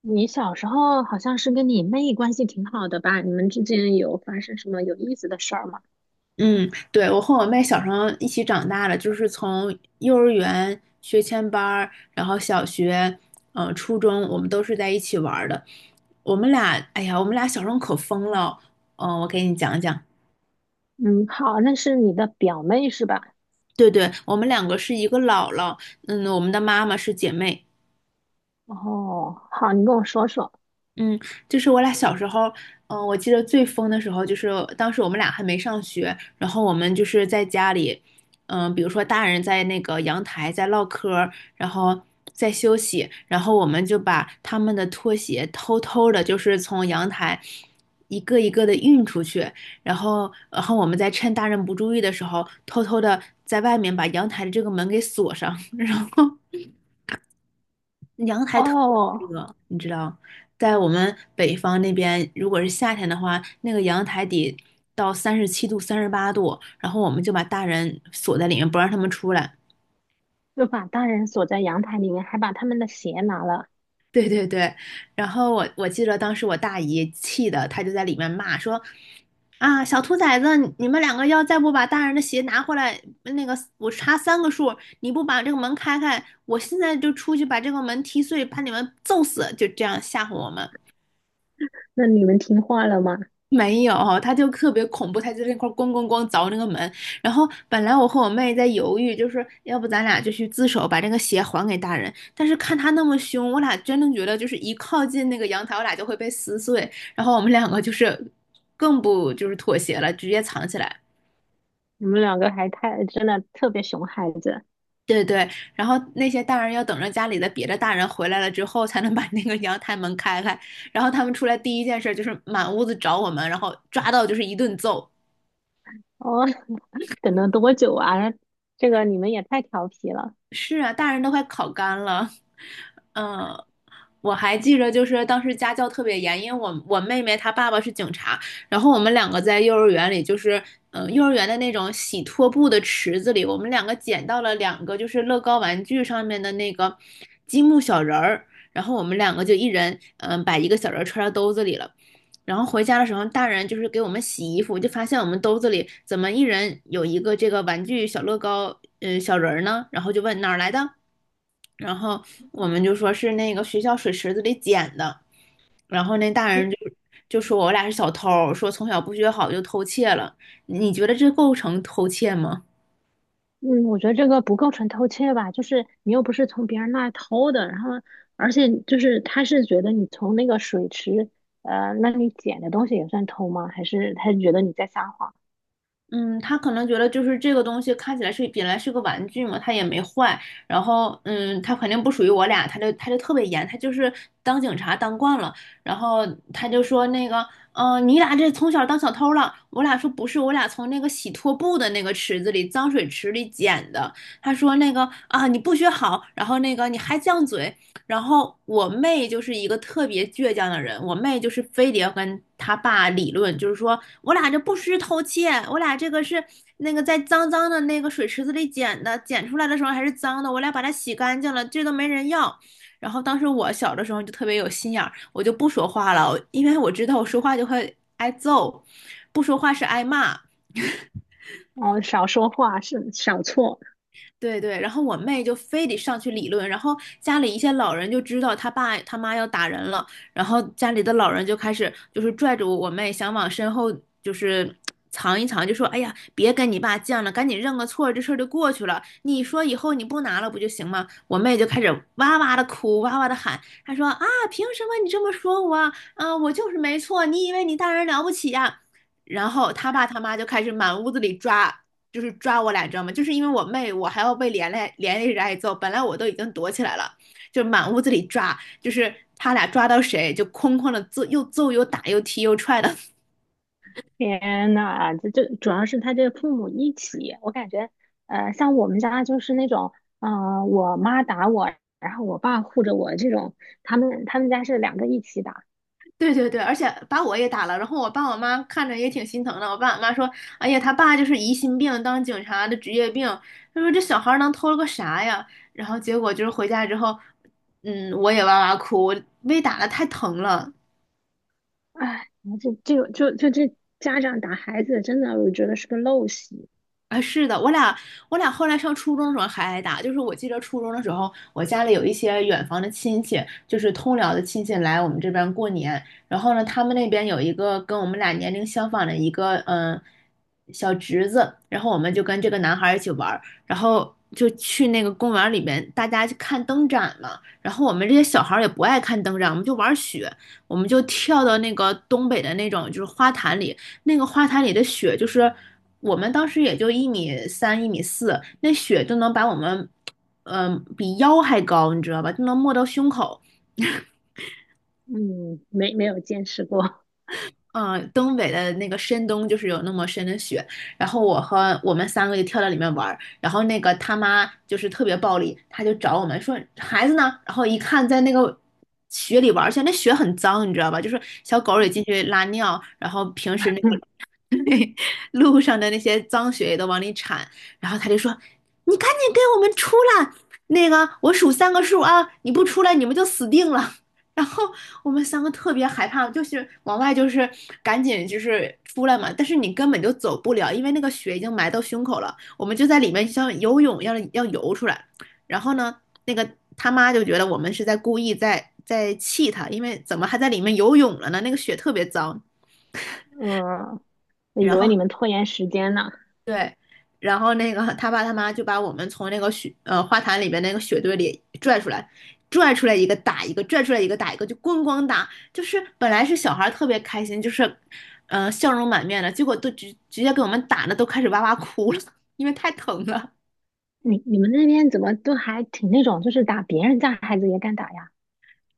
你小时候好像是跟你妹关系挺好的吧？你们之间有发生什么有意思的事儿吗？嗯，对，我和我妹小时候一起长大的，就是从幼儿园学前班儿，然后小学，初中，我们都是在一起玩儿的。我们俩，哎呀，我们俩小时候可疯了。我给你讲讲。嗯，好，那是你的表妹是吧？对对，我们两个是一个姥姥，我们的妈妈是姐妹。哦，好，你跟我说说。嗯，就是我俩小时候，我记得最疯的时候，就是当时我们俩还没上学，然后我们就是在家里，比如说大人在那个阳台在唠嗑儿，然后在休息，然后我们就把他们的拖鞋偷偷的，就是从阳台一个一个的运出去，然后我们在趁大人不注意的时候，偷偷的在外面把阳台的这个门给锁上，然后阳台特别哦，热，你知道，在我们北方那边，如果是夏天的话，那个阳台得到37度、38度，然后我们就把大人锁在里面，不让他们出来。就把大人锁在阳台里面，还把他们的鞋拿了。对对对，然后我记得当时我大姨气的，她就在里面骂说："啊，小兔崽子，你们两个要再不把大人的鞋拿回来，那个我查三个数，你不把这个门开开，我现在就出去把这个门踢碎，把你们揍死！"就这样吓唬我们。那你们听话了吗？没有，他就特别恐怖，他就在那块儿咣咣咣凿那个门。然后本来我和我妹在犹豫，就是要不咱俩就去自首，把这个鞋还给大人。但是看他那么凶，我俩真的觉得就是一靠近那个阳台，我俩就会被撕碎。然后我们两个就是更不就是妥协了，直接藏起来。你们两个还太，真的特别熊孩子。对对，然后那些大人要等着家里的别的大人回来了之后，才能把那个阳台门开开。然后他们出来第一件事就是满屋子找我们，然后抓到就是一顿揍。哦，等了多久啊？这个你们也太调皮了。是啊，大人都快烤干了。嗯，我还记着，就是当时家教特别严，因为我妹妹她爸爸是警察，然后我们两个在幼儿园里，就是幼儿园的那种洗拖布的池子里，我们两个捡到了两个就是乐高玩具上面的那个积木小人儿，然后我们两个就一人把一个小人儿揣到兜子里了，然后回家的时候，大人就是给我们洗衣服，就发现我们兜子里怎么一人有一个这个玩具小乐高，小人儿呢？然后就问哪儿来的？然后我们就说是那个学校水池子里捡的。然后那大人就说我俩是小偷，说从小不学好就偷窃了。你觉得这构成偷窃吗？嗯，我觉得这个不构成偷窃吧，就是你又不是从别人那儿偷的，然后而且就是他是觉得你从那个水池，那你捡的东西也算偷吗？还是他觉得你在撒谎？嗯，他可能觉得就是这个东西看起来是本来是个玩具嘛，它也没坏，然后他肯定不属于我俩，他就特别严，他就是当警察当惯了，然后他就说那个，你俩这从小当小偷了，我俩说不是，我俩从那个洗拖布的那个池子里脏水池里捡的，他说那个啊你不学好，然后那个你还犟嘴，然后我妹就是一个特别倔强的人，我妹就是非得要跟她爸理论，就是说我俩这不是偷窃，我俩这个是那个在脏脏的那个水池子里捡的，捡出来的时候还是脏的，我俩把它洗干净了，这都没人要。然后当时我小的时候就特别有心眼儿，我就不说话了，因为我知道我说话就会挨揍，不说话是挨骂。哦，少说话是少错。对对，然后我妹就非得上去理论，然后家里一些老人就知道他爸他妈要打人了，然后家里的老人就开始就是拽着我妹想往身后就是藏一藏，就说："哎呀，别跟你爸犟了，赶紧认个错，这事儿就过去了。你说以后你不拿了不就行吗？"我妹就开始哇哇的哭，哇哇的喊，她说："啊，凭什么你这么说我啊？啊，我就是没错，你以为你大人了不起呀？"然后他爸他妈就开始满屋子里抓，就是抓我俩，你知道吗？就是因为我妹，我还要被连累着挨揍。本来我都已经躲起来了，就满屋子里抓，就是他俩抓到谁就哐哐的揍，又揍又打又踢又踹的。天呐，这主要是他这个父母一起，我感觉，像我们家就是那种，嗯，我妈打我，然后我爸护着我这种，他们家是两个一起打。对对对，而且把我也打了。然后我爸我妈看着也挺心疼的。我爸我妈说："哎呀，他爸就是疑心病，当警察的职业病。"他说："这小孩能偷了个啥呀？"然后结果就是回家之后，我也哇哇哭，我被打的太疼了。哎，这个就这家长打孩子，真的我觉得是个陋习。啊，是的，我俩后来上初中的时候还挨打，就是我记得初中的时候，我家里有一些远房的亲戚，就是通辽的亲戚来我们这边过年，然后呢，他们那边有一个跟我们俩年龄相仿的一个小侄子，然后我们就跟这个男孩儿一起玩儿，然后就去那个公园里面，大家去看灯展嘛，然后我们这些小孩儿也不爱看灯展，我们就玩雪，我们就跳到那个东北的那种就是花坛里，那个花坛里的雪，就是我们当时也就1米3、1米4，那雪都能把我们，比腰还高，你知道吧？就能没到胸口。嗯，没有见识过。嗯，东北的那个深冬就是有那么深的雪，然后我和我们三个就跳到里面玩儿，然后那个他妈就是特别暴力，他就找我们说孩子呢，然后一看在那个雪里玩儿去，而且那雪很脏，你知道吧？就是小狗也进 去拉尿，然后平时那个路上的那些脏血也都往里铲，然后他就说："你赶紧给我们出来！那个，我数三个数啊，你不出来你们就死定了。然后我们三个特别害怕，就是往外就是赶紧就是出来嘛，但是你根本就走不了，因为那个血已经埋到胸口了。我们就在里面像游泳一样要游出来。然后呢，那个他妈就觉得我们是在故意在气他，因为怎么还在里面游泳了呢？那个血特别脏。嗯，我以然为后你们拖延时间呢。对，然后那个他爸他妈就把我们从那个花坛里边那个雪堆里拽出来，拽出来一个打一个，拽出来一个打一个，就咣咣打。就是本来是小孩儿特别开心，就是笑容满面的，结果都直接给我们打的都开始哇哇哭了，因为太疼了。你们那边怎么都还挺那种，就是打别人家孩子也敢打呀？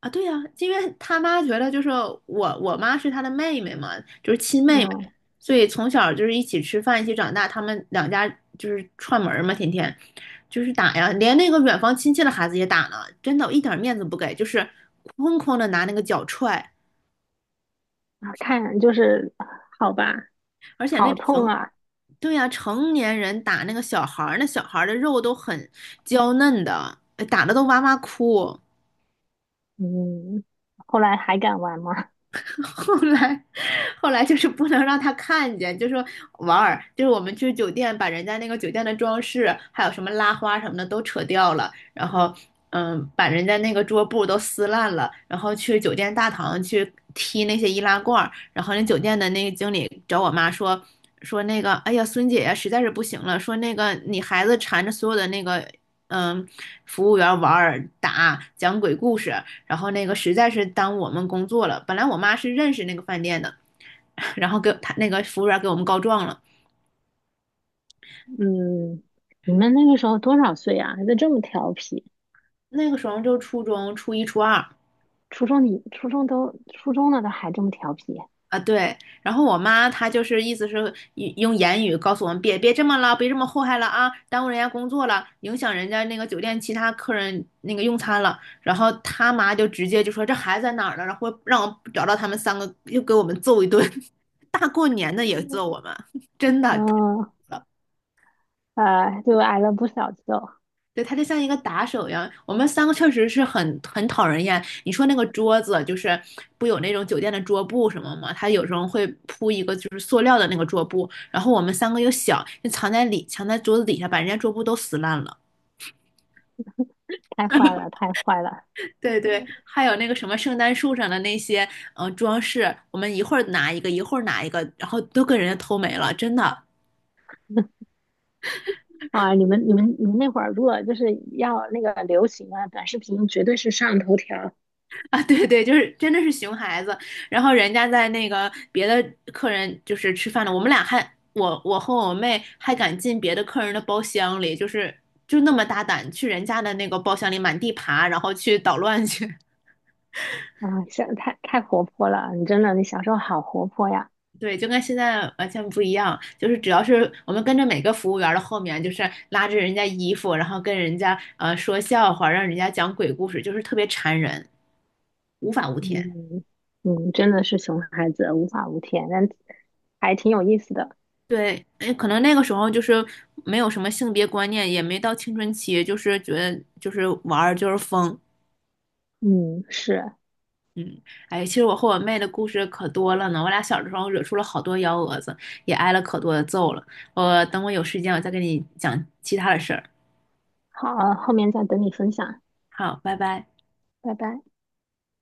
啊，对呀。因为他妈觉得就是我妈是他的妹妹嘛，就是亲妹妹，嗯，所以从小就是一起吃饭，一起长大，他们两家就是串门儿嘛，天天就是打呀，连那个远房亲戚的孩子也打呢，真的，我一点面子不给，就是哐哐的拿那个脚踹，啊看就是好吧，而且那好痛成，啊。对呀。成年人打那个小孩儿，那小孩儿的肉都很娇嫩的，哎打的都哇哇哭。嗯，后来还敢玩吗？后来，后来就是不能让他看见，就说玩儿，就是我们去酒店把人家那个酒店的装饰，还有什么拉花什么的都扯掉了，然后，把人家那个桌布都撕烂了，然后去酒店大堂去踢那些易拉罐儿，然后那酒店的那个经理找我妈说。说那个，哎呀，孙姐呀，实在是不行了。说那个，你孩子缠着所有的那个，嗯，服务员玩儿打讲鬼故事，然后那个实在是耽误我们工作了。本来我妈是认识那个饭店的，然后给他那个服务员给我们告状了。嗯，你们那个时候多少岁啊？还在这么调皮？那个时候就初中初一初二初中你初中都初中了都还这么调皮？啊，对。然后我妈她就是意思是用言语告诉我们别这么了，别这么祸害了啊，耽误人家工作了，影响人家那个酒店其他客人那个用餐了。然后他妈就直接就说这孩子在哪儿呢？然后让我找到他们三个，又给我们揍一顿。大过年的也揍我们，真的。嗯，就挨了不少揍，对，他就像一个打手一样。我们三个确实是很讨人厌。你说那个桌子，就是不有那种酒店的桌布什么吗？他有时候会铺一个就是塑料的那个桌布，然后我们三个又小，就藏在桌子底下，把人家桌布都撕烂了。太坏了，太坏了对对，还有那个什么圣诞树上的那些装饰，我们一会儿拿一个，一会儿拿一个，然后都跟人家偷没了，真的。啊！你们那会儿如果就是要那个流行啊，短视频绝对是上头条 啊，对对，就是真的是熊孩子。然后人家在那个别的客人就是吃饭了，我们俩还我和我妹还敢进别的客人的包厢里，就是就那么大胆去人家的那个包厢里满地爬，然后去捣乱去。啊，像太活泼了，你真的，你小时候好活泼呀，对，就跟现在完全不一样，就是只要是我们跟着每个服务员的后面，就是拉着人家衣服，然后跟人家说笑话，让人家讲鬼故事，就是特别缠人，无法无天。嗯嗯，真的是熊孩子，无法无天，但还挺有意思的，对，哎，可能那个时候就是没有什么性别观念，也没到青春期，就是觉得就是玩儿就是疯。嗯，是，哎，其实我和我妹的故事可多了呢，我俩小的时候惹出了好多幺蛾子，也挨了可多的揍了。我等我有时间，我再跟你讲其他的事儿。好，后面再等你分享，好，拜拜。拜拜。